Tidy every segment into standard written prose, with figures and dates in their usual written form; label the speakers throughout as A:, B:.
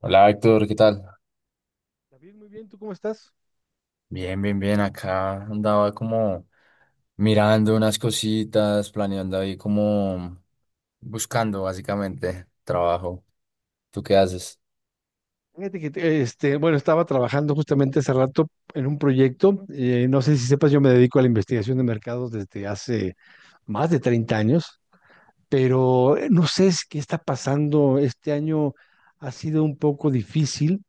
A: Hola Héctor, ¿qué tal?
B: David, muy bien, ¿tú cómo estás?
A: Bien, bien, bien. Acá andaba como mirando unas cositas, planeando ahí como buscando básicamente trabajo. ¿Tú qué haces?
B: Fíjate que, bueno, estaba trabajando justamente hace rato en un proyecto. No sé si sepas, yo me dedico a la investigación de mercados desde hace más de 30 años, pero no sé qué está pasando. Este año ha sido un poco difícil.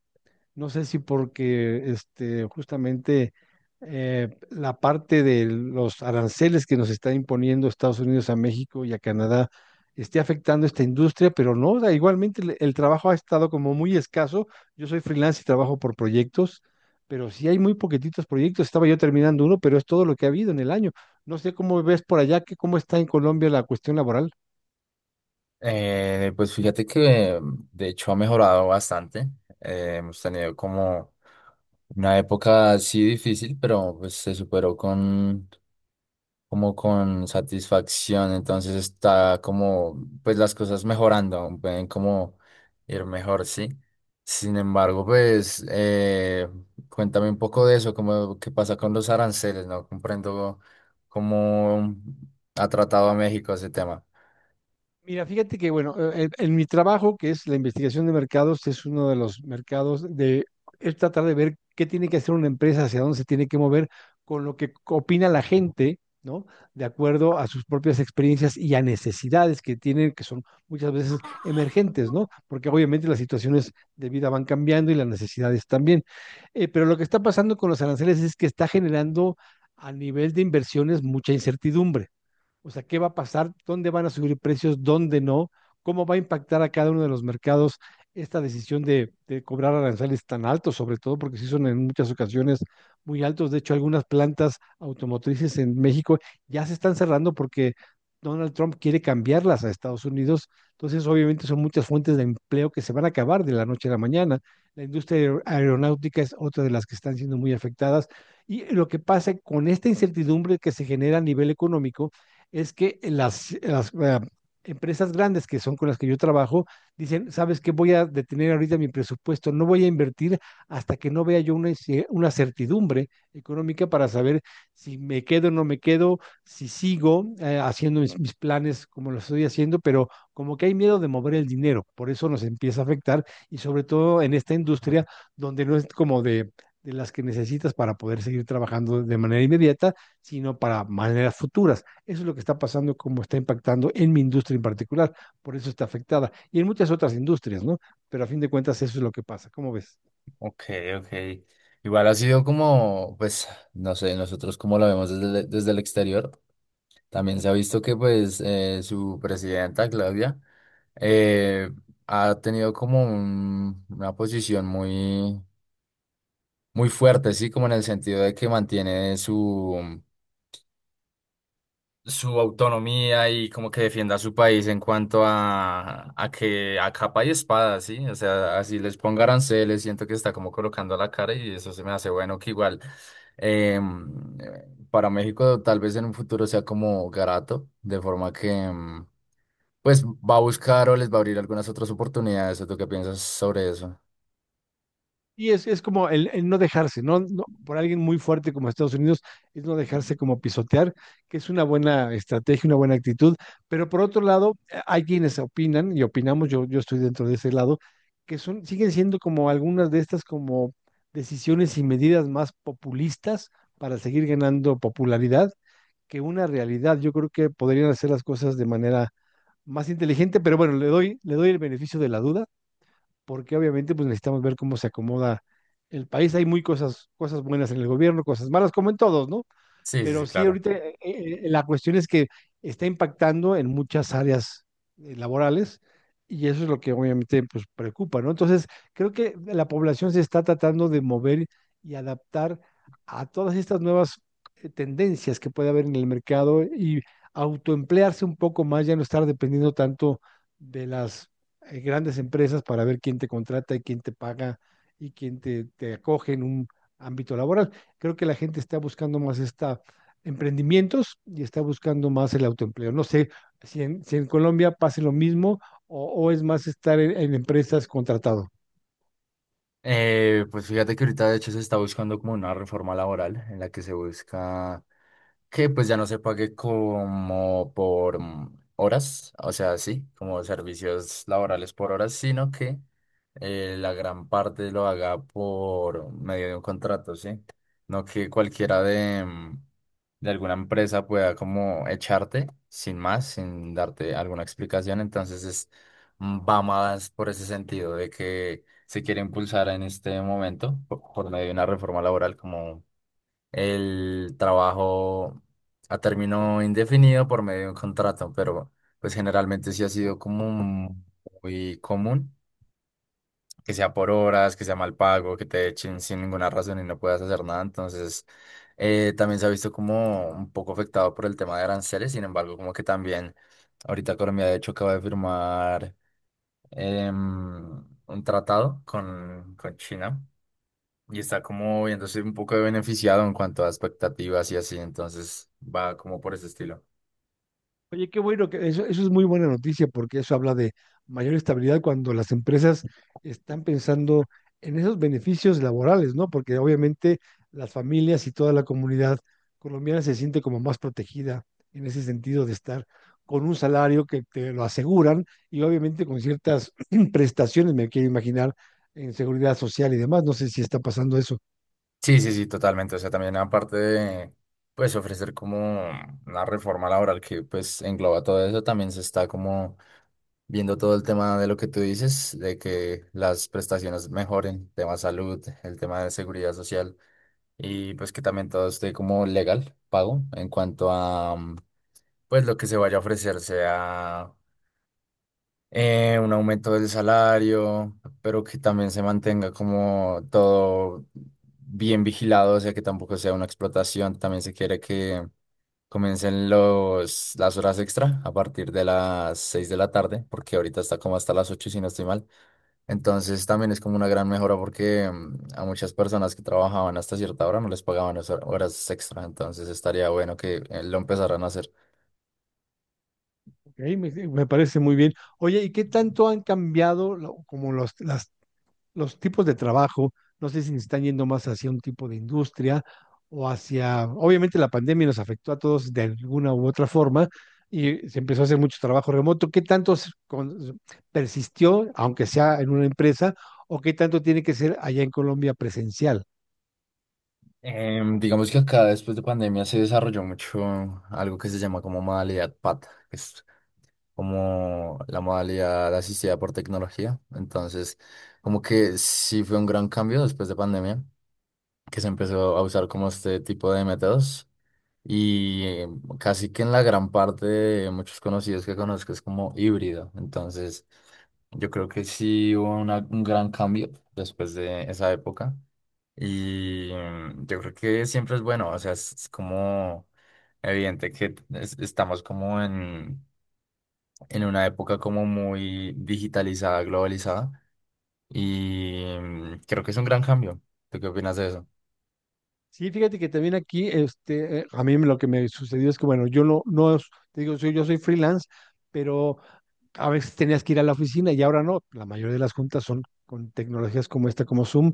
B: No sé si porque justamente la parte de los aranceles que nos está imponiendo Estados Unidos a México y a Canadá esté afectando esta industria, pero no, o sea, igualmente el trabajo ha estado como muy escaso. Yo soy freelance y trabajo por proyectos, pero sí hay muy poquititos proyectos. Estaba yo terminando uno, pero es todo lo que ha habido en el año. No sé cómo ves por allá, que cómo está en Colombia la cuestión laboral.
A: Pues fíjate que de hecho ha mejorado bastante. Hemos tenido como una época así difícil, pero pues se superó con, como con satisfacción, entonces está como, pues las cosas mejorando, pueden como ir mejor, sí. Sin embargo, pues cuéntame un poco de eso, como qué pasa con los aranceles, no comprendo cómo ha tratado a México ese tema.
B: Mira, fíjate que, bueno, en mi trabajo, que es la investigación de mercados, es uno de los mercados de es tratar de ver qué tiene que hacer una empresa, hacia dónde se tiene que mover con lo que opina la gente, ¿no? De acuerdo a sus propias experiencias y a necesidades que tienen, que son muchas veces emergentes, ¿no? Porque obviamente las situaciones de vida van cambiando y las necesidades también. Pero lo que está pasando con los aranceles es que está generando a nivel de inversiones mucha incertidumbre. O sea, ¿qué va a pasar? ¿Dónde van a subir precios? ¿Dónde no? ¿Cómo va a impactar a cada uno de los mercados esta decisión de cobrar aranceles tan altos, sobre todo porque sí son en muchas ocasiones muy altos? De hecho, algunas plantas automotrices en México ya se están cerrando porque Donald Trump quiere cambiarlas a Estados Unidos. Entonces, obviamente, son muchas fuentes de empleo que se van a acabar de la noche a la mañana. La industria aeronáutica es otra de las que están siendo muy afectadas. Y lo que pasa con esta incertidumbre que se genera a nivel económico es que las empresas grandes que son con las que yo trabajo dicen, ¿sabes qué? Voy a detener ahorita mi presupuesto, no voy a invertir hasta que no vea yo una certidumbre económica para saber si me quedo o no me quedo, si sigo haciendo mis planes como lo estoy haciendo, pero como que hay miedo de mover el dinero, por eso nos empieza a afectar y sobre todo en esta industria donde no es como de las que necesitas para poder seguir trabajando de manera inmediata, sino para maneras futuras. Eso es lo que está pasando, cómo está impactando en mi industria en particular. Por eso está afectada. Y en muchas otras industrias, ¿no? Pero a fin de cuentas eso es lo que pasa. ¿Cómo ves?
A: Ok, ok. Igual ha sido como, pues, no sé, nosotros como lo vemos desde, desde el exterior. También se ha visto que pues su presidenta, Claudia, eh, ha tenido como una posición muy, muy fuerte, sí, como en el sentido de que mantiene su autonomía y como que defienda a su país en cuanto a que a capa y espada, ¿sí? O sea, así les ponga aranceles, siento que está como colocando la cara y eso se me hace bueno que igual em, para México tal vez en un futuro sea como Garato, de forma que pues va a buscar o les va a abrir algunas otras oportunidades. ¿O ¿Tú qué piensas sobre eso?
B: Y es como el no dejarse, ¿no? No- Por alguien muy fuerte como Estados Unidos, es no dejarse como pisotear, que es una buena estrategia, una buena actitud. Pero por otro lado, hay quienes opinan, y opinamos, yo estoy dentro de ese lado, que son, siguen siendo como algunas de estas como decisiones y medidas más populistas para seguir ganando popularidad que una realidad. Yo creo que podrían hacer las cosas de manera más inteligente, pero bueno, le doy el beneficio de la duda, porque obviamente pues necesitamos ver cómo se acomoda el país. Hay muy cosas, cosas buenas en el gobierno, cosas malas, como en todos, ¿no?
A: Sí, sí,
B: Pero
A: sí,
B: sí,
A: claro.
B: ahorita la cuestión es que está impactando en muchas áreas laborales y eso es lo que obviamente pues, preocupa, ¿no? Entonces, creo que la población se está tratando de mover y adaptar a todas estas nuevas tendencias que puede haber en el mercado y autoemplearse un poco más, ya no estar dependiendo tanto de las grandes empresas para ver quién te contrata y quién te paga y quién te acoge en un ámbito laboral. Creo que la gente está buscando más esta emprendimientos y está buscando más el autoempleo. No sé si en Colombia pase lo mismo o es más estar en empresas contratado.
A: Pues fíjate que ahorita de hecho se está buscando como una reforma laboral en la que se busca que pues ya no se pague como por horas, o sea, sí, como servicios laborales por horas, sino que la gran parte lo haga por medio de un contrato, ¿sí? No que cualquiera de alguna empresa pueda como echarte sin más, sin darte alguna explicación, entonces va más por ese sentido de que se quiere impulsar en este momento por medio de una reforma laboral como el trabajo a término indefinido por medio de un contrato, pero pues generalmente sí ha sido como muy común que sea por horas, que sea mal pago, que te echen sin ninguna razón y no puedas hacer nada, entonces también se ha visto como un poco afectado por el tema de aranceles, sin embargo como que también ahorita Colombia de hecho acaba de firmar un tratado con China y está como viéndose un poco beneficiado en cuanto a expectativas y así, entonces va como por ese estilo.
B: Oye, qué bueno, que eso es muy buena noticia porque eso habla de mayor estabilidad cuando las empresas están pensando en esos beneficios laborales, ¿no? Porque obviamente las familias y toda la comunidad colombiana se siente como más protegida en ese sentido de estar con un salario que te lo aseguran y obviamente con ciertas prestaciones, me quiero imaginar, en seguridad social y demás. No sé si está pasando eso.
A: Sí, sí, sí, totalmente. O sea, también aparte de, pues, ofrecer como una reforma laboral que, pues, engloba todo eso, también se está como viendo todo el tema de lo que tú dices, de que las prestaciones mejoren, tema salud, el tema de seguridad social y, pues, que también todo esté como legal, pago, en cuanto a, pues, lo que se vaya a ofrecer sea un aumento del salario, pero que también se mantenga como todo bien vigilado, o sea, que tampoco sea una explotación. También se quiere que comiencen las horas extra a partir de las 6 de la tarde, porque ahorita está como hasta las 8 si no estoy mal. Entonces también es como una gran mejora porque a muchas personas que trabajaban hasta cierta hora no les pagaban esas horas extra, entonces estaría bueno que lo empezaran a hacer.
B: Ok, me parece muy bien. Oye, ¿y qué tanto han cambiado las los tipos de trabajo, no sé si nos están yendo más hacia un tipo de industria o hacia, obviamente la pandemia nos afectó a todos de alguna u otra forma y se empezó a hacer mucho trabajo remoto. ¿Qué tanto persistió, aunque sea en una empresa, o qué tanto tiene que ser allá en Colombia presencial?
A: Digamos que acá después de pandemia se desarrolló mucho algo que se llama como modalidad PAT, que es como la modalidad asistida por tecnología. Entonces, como que sí fue un gran cambio después de pandemia, que se empezó a usar como este tipo de métodos. Y casi que en la gran parte de muchos conocidos que conozco es como híbrido. Entonces, yo creo que sí hubo un gran cambio después de esa época. Y yo creo que siempre es bueno, o sea, es como evidente que estamos como en una época como muy digitalizada, globalizada, y creo que es un gran cambio. ¿Tú qué opinas de eso?
B: Sí, fíjate que también aquí, a mí lo que me sucedió es que, bueno, yo no, no, es- te digo, soy- yo soy freelance, pero a veces tenías que ir a la oficina y ahora no. La mayoría de las juntas son con tecnologías como esta, como Zoom.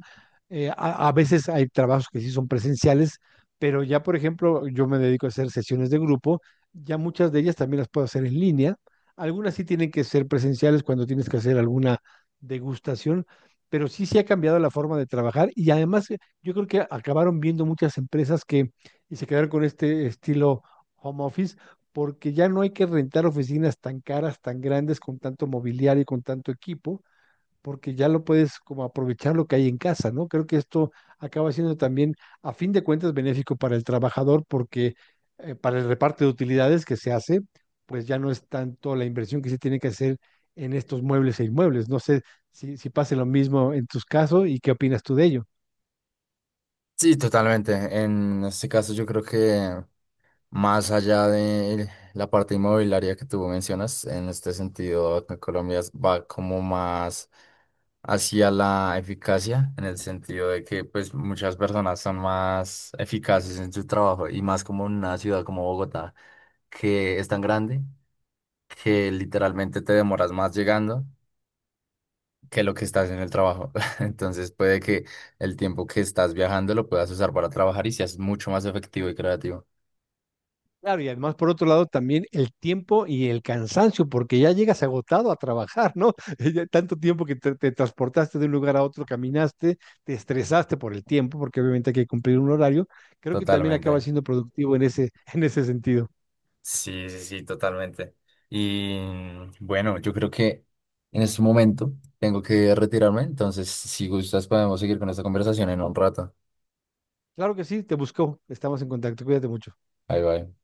B: A veces hay trabajos que sí son presenciales, pero ya, por ejemplo, yo me dedico a hacer sesiones de grupo. Ya muchas de ellas también las puedo hacer en línea. Algunas sí tienen que ser presenciales cuando tienes que hacer alguna degustación, pero sí se ha cambiado la forma de trabajar y además yo creo que acabaron viendo muchas empresas que y se quedaron con este estilo home office porque ya no hay que rentar oficinas tan caras, tan grandes, con tanto mobiliario y con tanto equipo, porque ya lo puedes como aprovechar lo que hay en casa, ¿no? Creo que esto acaba siendo también, a fin de cuentas, benéfico para el trabajador, porque para el reparto de utilidades que se hace, pues ya no es tanto la inversión que se tiene que hacer en estos muebles e inmuebles. No sé si pase lo mismo en tus casos y qué opinas tú de ello.
A: Sí, totalmente. En este caso yo creo que más allá de la parte inmobiliaria que tú mencionas, en este sentido, acá en Colombia va como más hacia la eficacia, en el sentido de que pues muchas personas son más eficaces en su trabajo y más como en una ciudad como Bogotá, que es tan grande que literalmente te demoras más llegando que lo que estás en el trabajo. Entonces puede que el tiempo que estás viajando lo puedas usar para trabajar y seas mucho más efectivo y creativo.
B: Claro, y además, por otro lado, también el tiempo y el cansancio, porque ya llegas agotado a trabajar, ¿no? Ya tanto tiempo que te transportaste de un lugar a otro, caminaste, te estresaste por el tiempo, porque obviamente hay que cumplir un horario. Creo que también acaba
A: Totalmente.
B: siendo productivo en ese, en ese sentido.
A: Sí, sí, sí, totalmente. Y bueno, yo creo que en este momento tengo que retirarme, entonces si gustas podemos seguir con esta conversación en un rato.
B: Claro que sí, te busco. Estamos en contacto. Cuídate mucho.
A: Bye bye.